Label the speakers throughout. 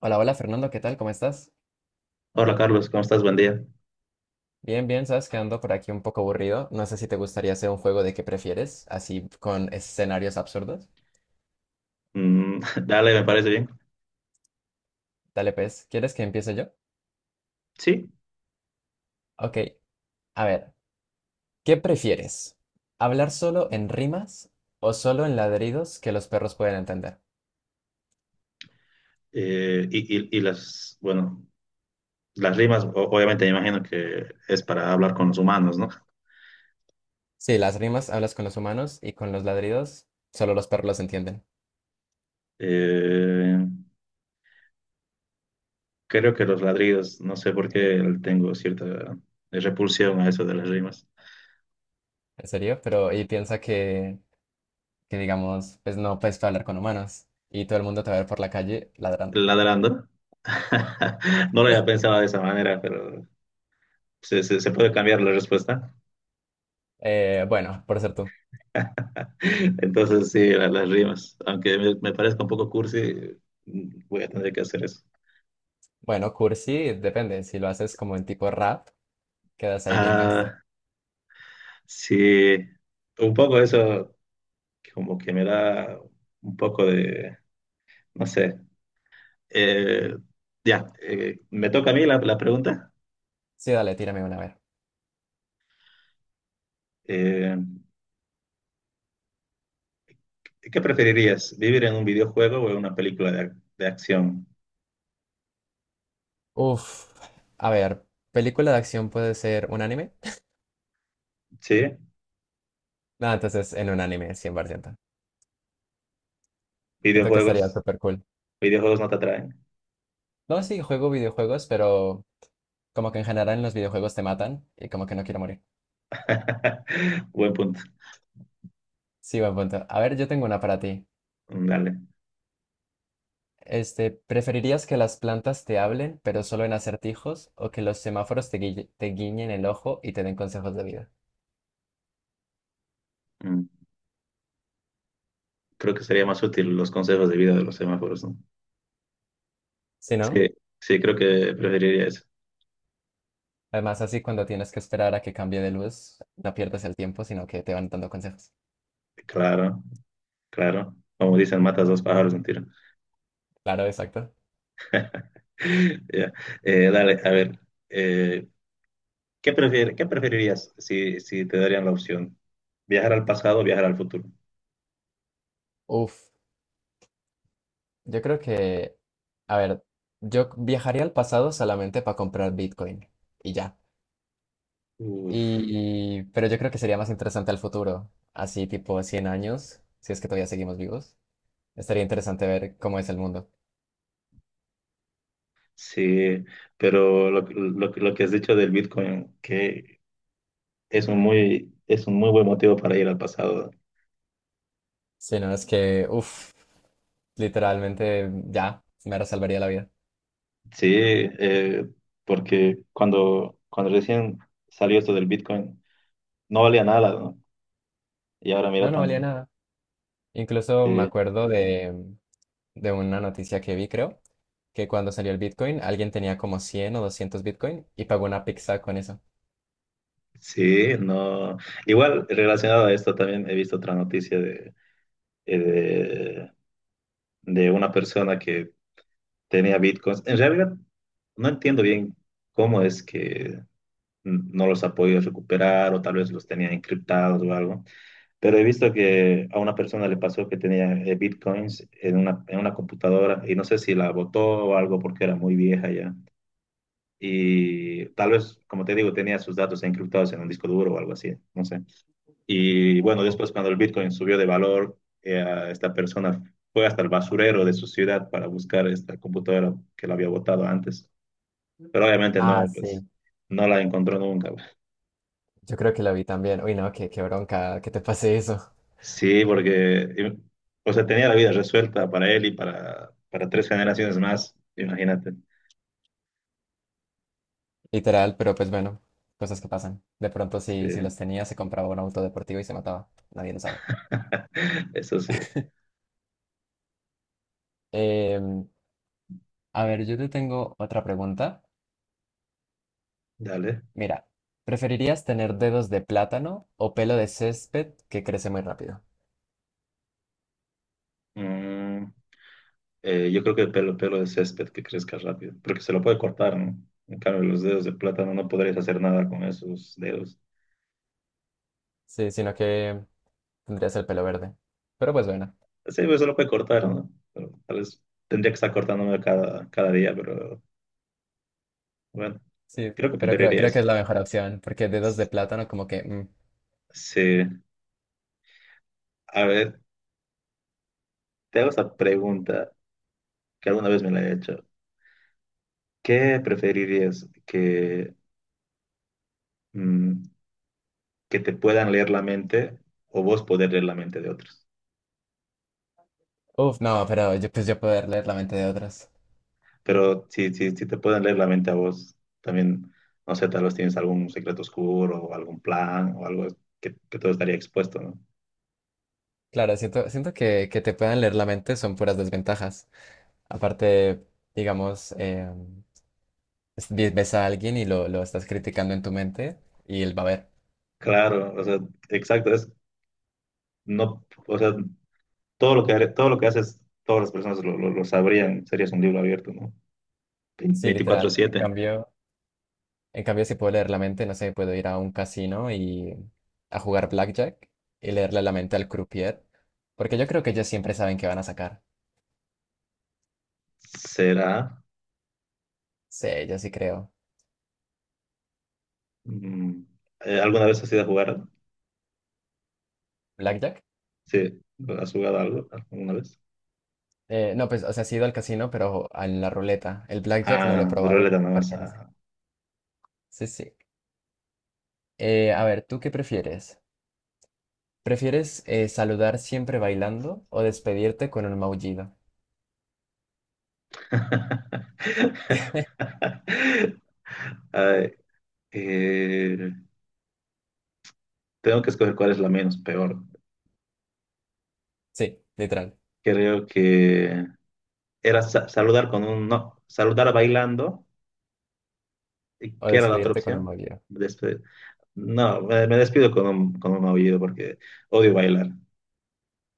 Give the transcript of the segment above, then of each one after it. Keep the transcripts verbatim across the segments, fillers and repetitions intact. Speaker 1: Hola, hola Fernando, ¿qué tal? ¿Cómo estás?
Speaker 2: Hola Carlos, ¿cómo estás? Buen día.
Speaker 1: Bien, bien, sabes que ando por aquí un poco aburrido. No sé si te gustaría hacer un juego de qué prefieres, así con escenarios absurdos.
Speaker 2: Mm, dale, me parece bien.
Speaker 1: Dale, pues, ¿quieres que empiece yo?
Speaker 2: Sí,
Speaker 1: Ok, a ver, ¿qué prefieres? ¿Hablar solo en rimas o solo en ladridos que los perros pueden entender?
Speaker 2: eh, y, y- y las, bueno, las rimas, o- obviamente me imagino que es para hablar con los humanos, ¿no?
Speaker 1: Sí, las rimas hablas con los humanos y con los ladridos solo los perros los entienden.
Speaker 2: Eh, creo que los ladridos, no sé por qué tengo cierta repulsión a eso de las rimas.
Speaker 1: ¿En serio? Pero y piensa que, que digamos, pues no puedes hablar con humanos y todo el mundo te va a ver por la calle ladrando.
Speaker 2: ¿Ladrando? No lo había pensado de esa manera, pero se, se- se puede cambiar la respuesta.
Speaker 1: Eh, bueno, por ser tú.
Speaker 2: Entonces sí, la- las rimas, aunque me, me parezca un poco cursi, voy a tener que hacer eso.
Speaker 1: Bueno, cursi, depende. Si lo haces como en tipo rap, quedas ahí bien gangster.
Speaker 2: Ah, sí, un poco eso como que me da un poco de, no sé. Eh, ya, eh, me toca a mí la, la pregunta.
Speaker 1: Sí, dale, tírame una, a ver.
Speaker 2: Eh, qué preferirías, vivir en un videojuego o en una película de, ac- de acción?
Speaker 1: Uf, a ver, película de acción puede ser un anime.
Speaker 2: Sí,
Speaker 1: No, entonces en un anime, cien por ciento. Siento que estaría
Speaker 2: videojuegos,
Speaker 1: súper cool.
Speaker 2: videojuegos no te atraen.
Speaker 1: No, sí, juego videojuegos, pero como que en general en los videojuegos te matan y como que no quiero morir.
Speaker 2: Buen punto.
Speaker 1: Sí, buen punto. A ver, yo tengo una para ti.
Speaker 2: Mm, dale.
Speaker 1: Este, ¿preferirías que las plantas te hablen, pero solo en acertijos, o que los semáforos te guille- te guiñen el ojo y te den consejos de vida?
Speaker 2: Mm, Creo que sería más útil los consejos de vida de los semáforos, ¿no?
Speaker 1: Si no?
Speaker 2: Sí, sí, creo que preferiría eso.
Speaker 1: Además, así cuando tienes que esperar a que cambie de luz, no pierdes el tiempo, sino que te van dando consejos.
Speaker 2: Claro, claro. Como dicen, matas dos pájaros de un tiro.
Speaker 1: Claro, exacto.
Speaker 2: Ya. Eh, dale, a ver, eh, ¿qué prefier- qué preferirías si, si te darían la opción? ¿Viajar al pasado o viajar al futuro?
Speaker 1: Uf, yo creo que, a ver, yo viajaría al pasado solamente para comprar Bitcoin y ya.
Speaker 2: Uf,
Speaker 1: Y, y- pero yo creo que sería más interesante al futuro, así tipo cien años, si es que todavía seguimos vivos. Estaría interesante ver cómo es el mundo.
Speaker 2: sí, pero lo, lo- lo que has dicho del Bitcoin, que es un muy, es un muy buen motivo para ir al pasado.
Speaker 1: Si no, es que, uff literalmente ya, me salvaría la vida.
Speaker 2: Sí, eh, porque cuando, cuando recién salió esto del Bitcoin, no valía nada, ¿no? Y ahora
Speaker 1: No,
Speaker 2: mira
Speaker 1: no valía
Speaker 2: tanto.
Speaker 1: nada. Incluso me acuerdo de, de una noticia que vi, creo, que cuando salió el Bitcoin, alguien tenía como cien o doscientos Bitcoin y pagó una pizza con eso.
Speaker 2: Sí, no. Igual, relacionado a esto, también he visto otra noticia eh, de, de una persona que tenía bitcoins. En realidad, no entiendo bien cómo es que n- no los ha podido recuperar o tal vez los tenía encriptados o algo, pero he visto que a una persona le pasó que tenía eh, bitcoins en una, en una computadora y no sé si la botó o algo porque era muy vieja ya. Y tal vez, como te digo, tenía sus datos encriptados en un disco duro o algo así, no sé. Y bueno, después
Speaker 1: Uf.
Speaker 2: cuando el Bitcoin subió de valor, eh, esta persona fue hasta el basurero de su ciudad para buscar esta computadora que la había botado antes. Pero obviamente
Speaker 1: Ah,
Speaker 2: no, pues
Speaker 1: sí.
Speaker 2: no la encontró nunca, güey.
Speaker 1: Yo creo que lo vi también. Uy, no, qué, qué bronca que te pase eso.
Speaker 2: Sí, porque, eh, o sea, tenía la vida resuelta para él y para, para tres generaciones más, imagínate.
Speaker 1: Literal, pero pues bueno, cosas que pasan. De pronto,
Speaker 2: Sí,
Speaker 1: si, si los tenía, se compraba un auto deportivo y se mataba. Nadie lo sabe.
Speaker 2: eso sí,
Speaker 1: Em, a ver, yo te tengo otra pregunta.
Speaker 2: dale.
Speaker 1: Mira, ¿preferirías tener dedos de plátano o pelo de césped que crece muy rápido?
Speaker 2: Mm, Eh, yo creo que el pelo, pelo de césped que crezca rápido, porque se lo puede cortar, ¿no? En cambio, los dedos de plátano no podrías hacer nada con esos dedos.
Speaker 1: Sí, sino que tendrías el pelo verde. Pero pues bueno.
Speaker 2: Sí, pues se lo puede cortar, ¿no? Pero tal vez tendría que estar cortándome cada, cada día, pero bueno,
Speaker 1: Sí,
Speaker 2: creo que
Speaker 1: pero creo,
Speaker 2: preferiría
Speaker 1: creo que
Speaker 2: eso.
Speaker 1: es la mejor opción, porque dedos de plátano como que mm,
Speaker 2: Sí, a ver, te hago esa pregunta que alguna vez me la he hecho. ¿Qué preferirías que, mm, que te puedan leer la mente o vos poder leer la mente de otros?
Speaker 1: Uf, no, pero yo, pues yo poder leer la mente de otras.
Speaker 2: Pero si, si, si te pueden leer la mente a vos, también, no sé, tal vez tienes algún secreto oscuro o algún plan o algo que, que todo estaría expuesto, ¿no?
Speaker 1: Claro, siento, siento que, que te puedan leer la mente son puras desventajas. Aparte, digamos, eh, es- ve- ves a alguien y lo, lo estás criticando en tu mente y él va a ver.
Speaker 2: Claro, o sea, exacto, es, no, o sea, todo lo que, haré- todo lo que haces, todas las personas lo, lo, lo sabrían, serías un libro abierto, ¿no?
Speaker 1: Sí, literal. En
Speaker 2: veinticuatro siete.
Speaker 1: cambio, en cambio, si puedo leer la mente, no sé, puedo ir a un casino y a jugar blackjack y leerle la mente al croupier, porque yo creo que ellos siempre saben qué van a sacar.
Speaker 2: ¿Será?
Speaker 1: Sí, yo sí creo.
Speaker 2: Mm, eh,
Speaker 1: Eh,
Speaker 2: ¿alguna vez has ido a jugar?
Speaker 1: ¿Blackjack?
Speaker 2: Sí, ¿has jugado algo alguna vez?
Speaker 1: Eh, no, pues, o sea, sí he ido al casino, pero a la ruleta. El blackjack no lo he
Speaker 2: Ah,
Speaker 1: probado
Speaker 2: ruleta nada más,
Speaker 1: porque no sé.
Speaker 2: ah.
Speaker 1: Sí, sí. Eh, a ver, ¿tú qué prefieres? ¿Prefieres eh, saludar siempre bailando o despedirte con un maullido?
Speaker 2: Ay, Eh, tengo que escoger cuál es la menos peor.
Speaker 1: Sí, literal.
Speaker 2: Creo que era sa- saludar con un no, saludar bailando, y
Speaker 1: O
Speaker 2: que era la otra
Speaker 1: despedirte con un
Speaker 2: opción.
Speaker 1: maullido.
Speaker 2: Despe- no, me, me despido con un, con un aullido porque odio bailar.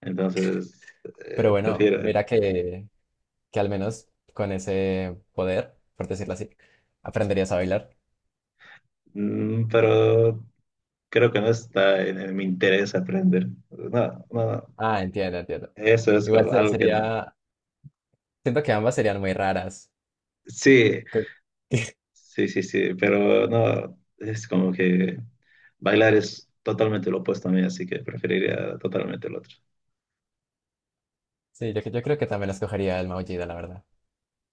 Speaker 2: Entonces,
Speaker 1: Pero
Speaker 2: eh,
Speaker 1: bueno,
Speaker 2: prefiero.
Speaker 1: mira que, que al menos con ese poder, por decirlo así, aprenderías a bailar.
Speaker 2: Mm, pero creo que no está en, en mi interés aprender. No, no, no.
Speaker 1: Ah, entiendo, entiendo.
Speaker 2: Eso es
Speaker 1: Igual
Speaker 2: como
Speaker 1: se-
Speaker 2: algo que no.
Speaker 1: sería, siento que ambas serían muy raras.
Speaker 2: Sí,
Speaker 1: Que-
Speaker 2: sí, sí, sí, pero no, es como que bailar es totalmente lo opuesto a mí, así que preferiría totalmente el otro.
Speaker 1: Sí, yo, yo creo que también escogería el maullido, la verdad.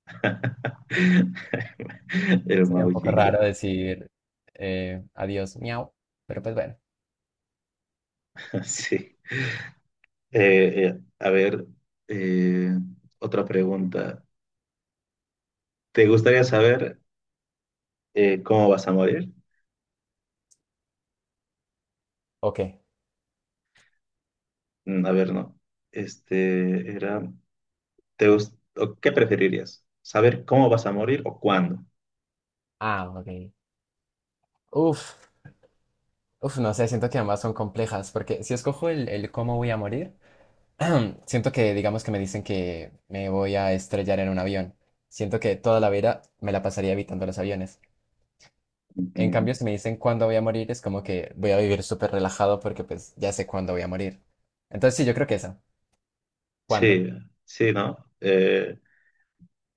Speaker 2: El
Speaker 1: Sería un poco
Speaker 2: maullido,
Speaker 1: raro decir eh, adiós, miau, pero pues bueno.
Speaker 2: sí. Eh, eh, a ver, eh, otra pregunta. ¿Te gustaría saber eh, cómo vas a morir?
Speaker 1: Ok.
Speaker 2: Mm, A ver, no. Este era, ¿te gus- o qué preferirías? ¿Saber cómo vas a morir o cuándo?
Speaker 1: Ah, ok. Uf, uf, no sé, siento que ambas son complejas, porque si escojo el, el cómo voy a morir, siento que digamos que me dicen que me voy a estrellar en un avión. Siento que toda la vida me la pasaría evitando los aviones. En
Speaker 2: Mm,
Speaker 1: cambio, si me dicen cuándo voy a morir, es como que voy a vivir súper relajado porque pues ya sé cuándo voy a morir. Entonces sí, yo creo que esa. ¿Cuándo?
Speaker 2: Sí, sí, ¿no? Eh,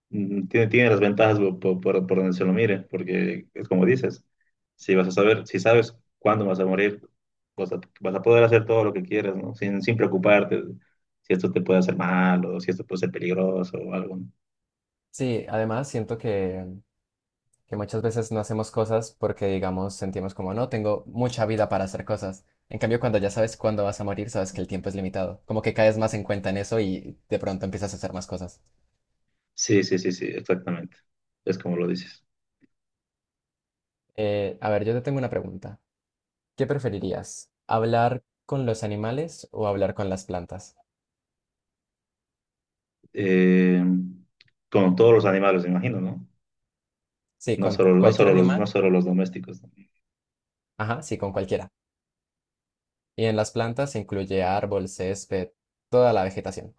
Speaker 2: Mm, Tiene, tiene las ventajas por, por- por- por donde se lo mire, porque es como dices, si vas a saber, si sabes cuándo vas a morir, vas a, vas a poder hacer todo lo que quieras, ¿no? Sin, sin preocuparte si esto te puede hacer mal o si esto puede ser peligroso o algo, ¿no?
Speaker 1: Sí, además siento que que muchas veces no hacemos cosas porque, digamos, sentimos como, no, tengo mucha vida para hacer cosas. En cambio, cuando ya sabes cuándo vas a morir, sabes que el tiempo es limitado. Como que caes más en cuenta en eso y de pronto empiezas a hacer más cosas.
Speaker 2: Sí, sí, sí, sí, exactamente. Es como lo dices.
Speaker 1: Eh, a ver, yo te tengo una pregunta. ¿Qué preferirías? ¿Hablar con los animales o hablar con las plantas?
Speaker 2: Eh, con todos los animales, me imagino, ¿no?
Speaker 1: Sí,
Speaker 2: No
Speaker 1: con
Speaker 2: solo, no
Speaker 1: cualquier
Speaker 2: solo los, no
Speaker 1: animal.
Speaker 2: solo los domésticos, ¿no?
Speaker 1: Ajá, sí, con cualquiera. Y en las plantas incluye árbol, césped, toda la vegetación.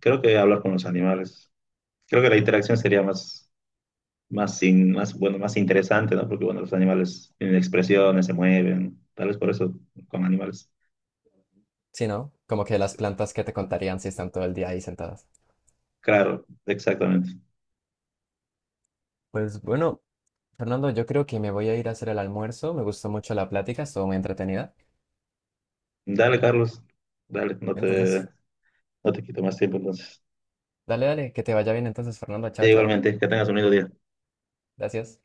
Speaker 2: Creo que hablar con los animales, creo que la interacción sería más más, in- más, bueno, más interesante, ¿no? Porque, bueno, los animales tienen expresiones, se mueven, tal vez por eso con animales.
Speaker 1: Sí, ¿no? Como que las plantas que te contarían si están todo el día ahí sentadas.
Speaker 2: Claro, exactamente.
Speaker 1: Pues bueno, Fernando, yo creo que me voy a ir a hacer el almuerzo. Me gustó mucho la plática, estuvo muy entretenida.
Speaker 2: Dale, Carlos, dale, no
Speaker 1: Entonces,
Speaker 2: te, no te quito más tiempo entonces.
Speaker 1: dale, dale, que te vaya bien entonces, Fernando. Chao, chao.
Speaker 2: Igualmente, que tengas un lindo día.
Speaker 1: Gracias.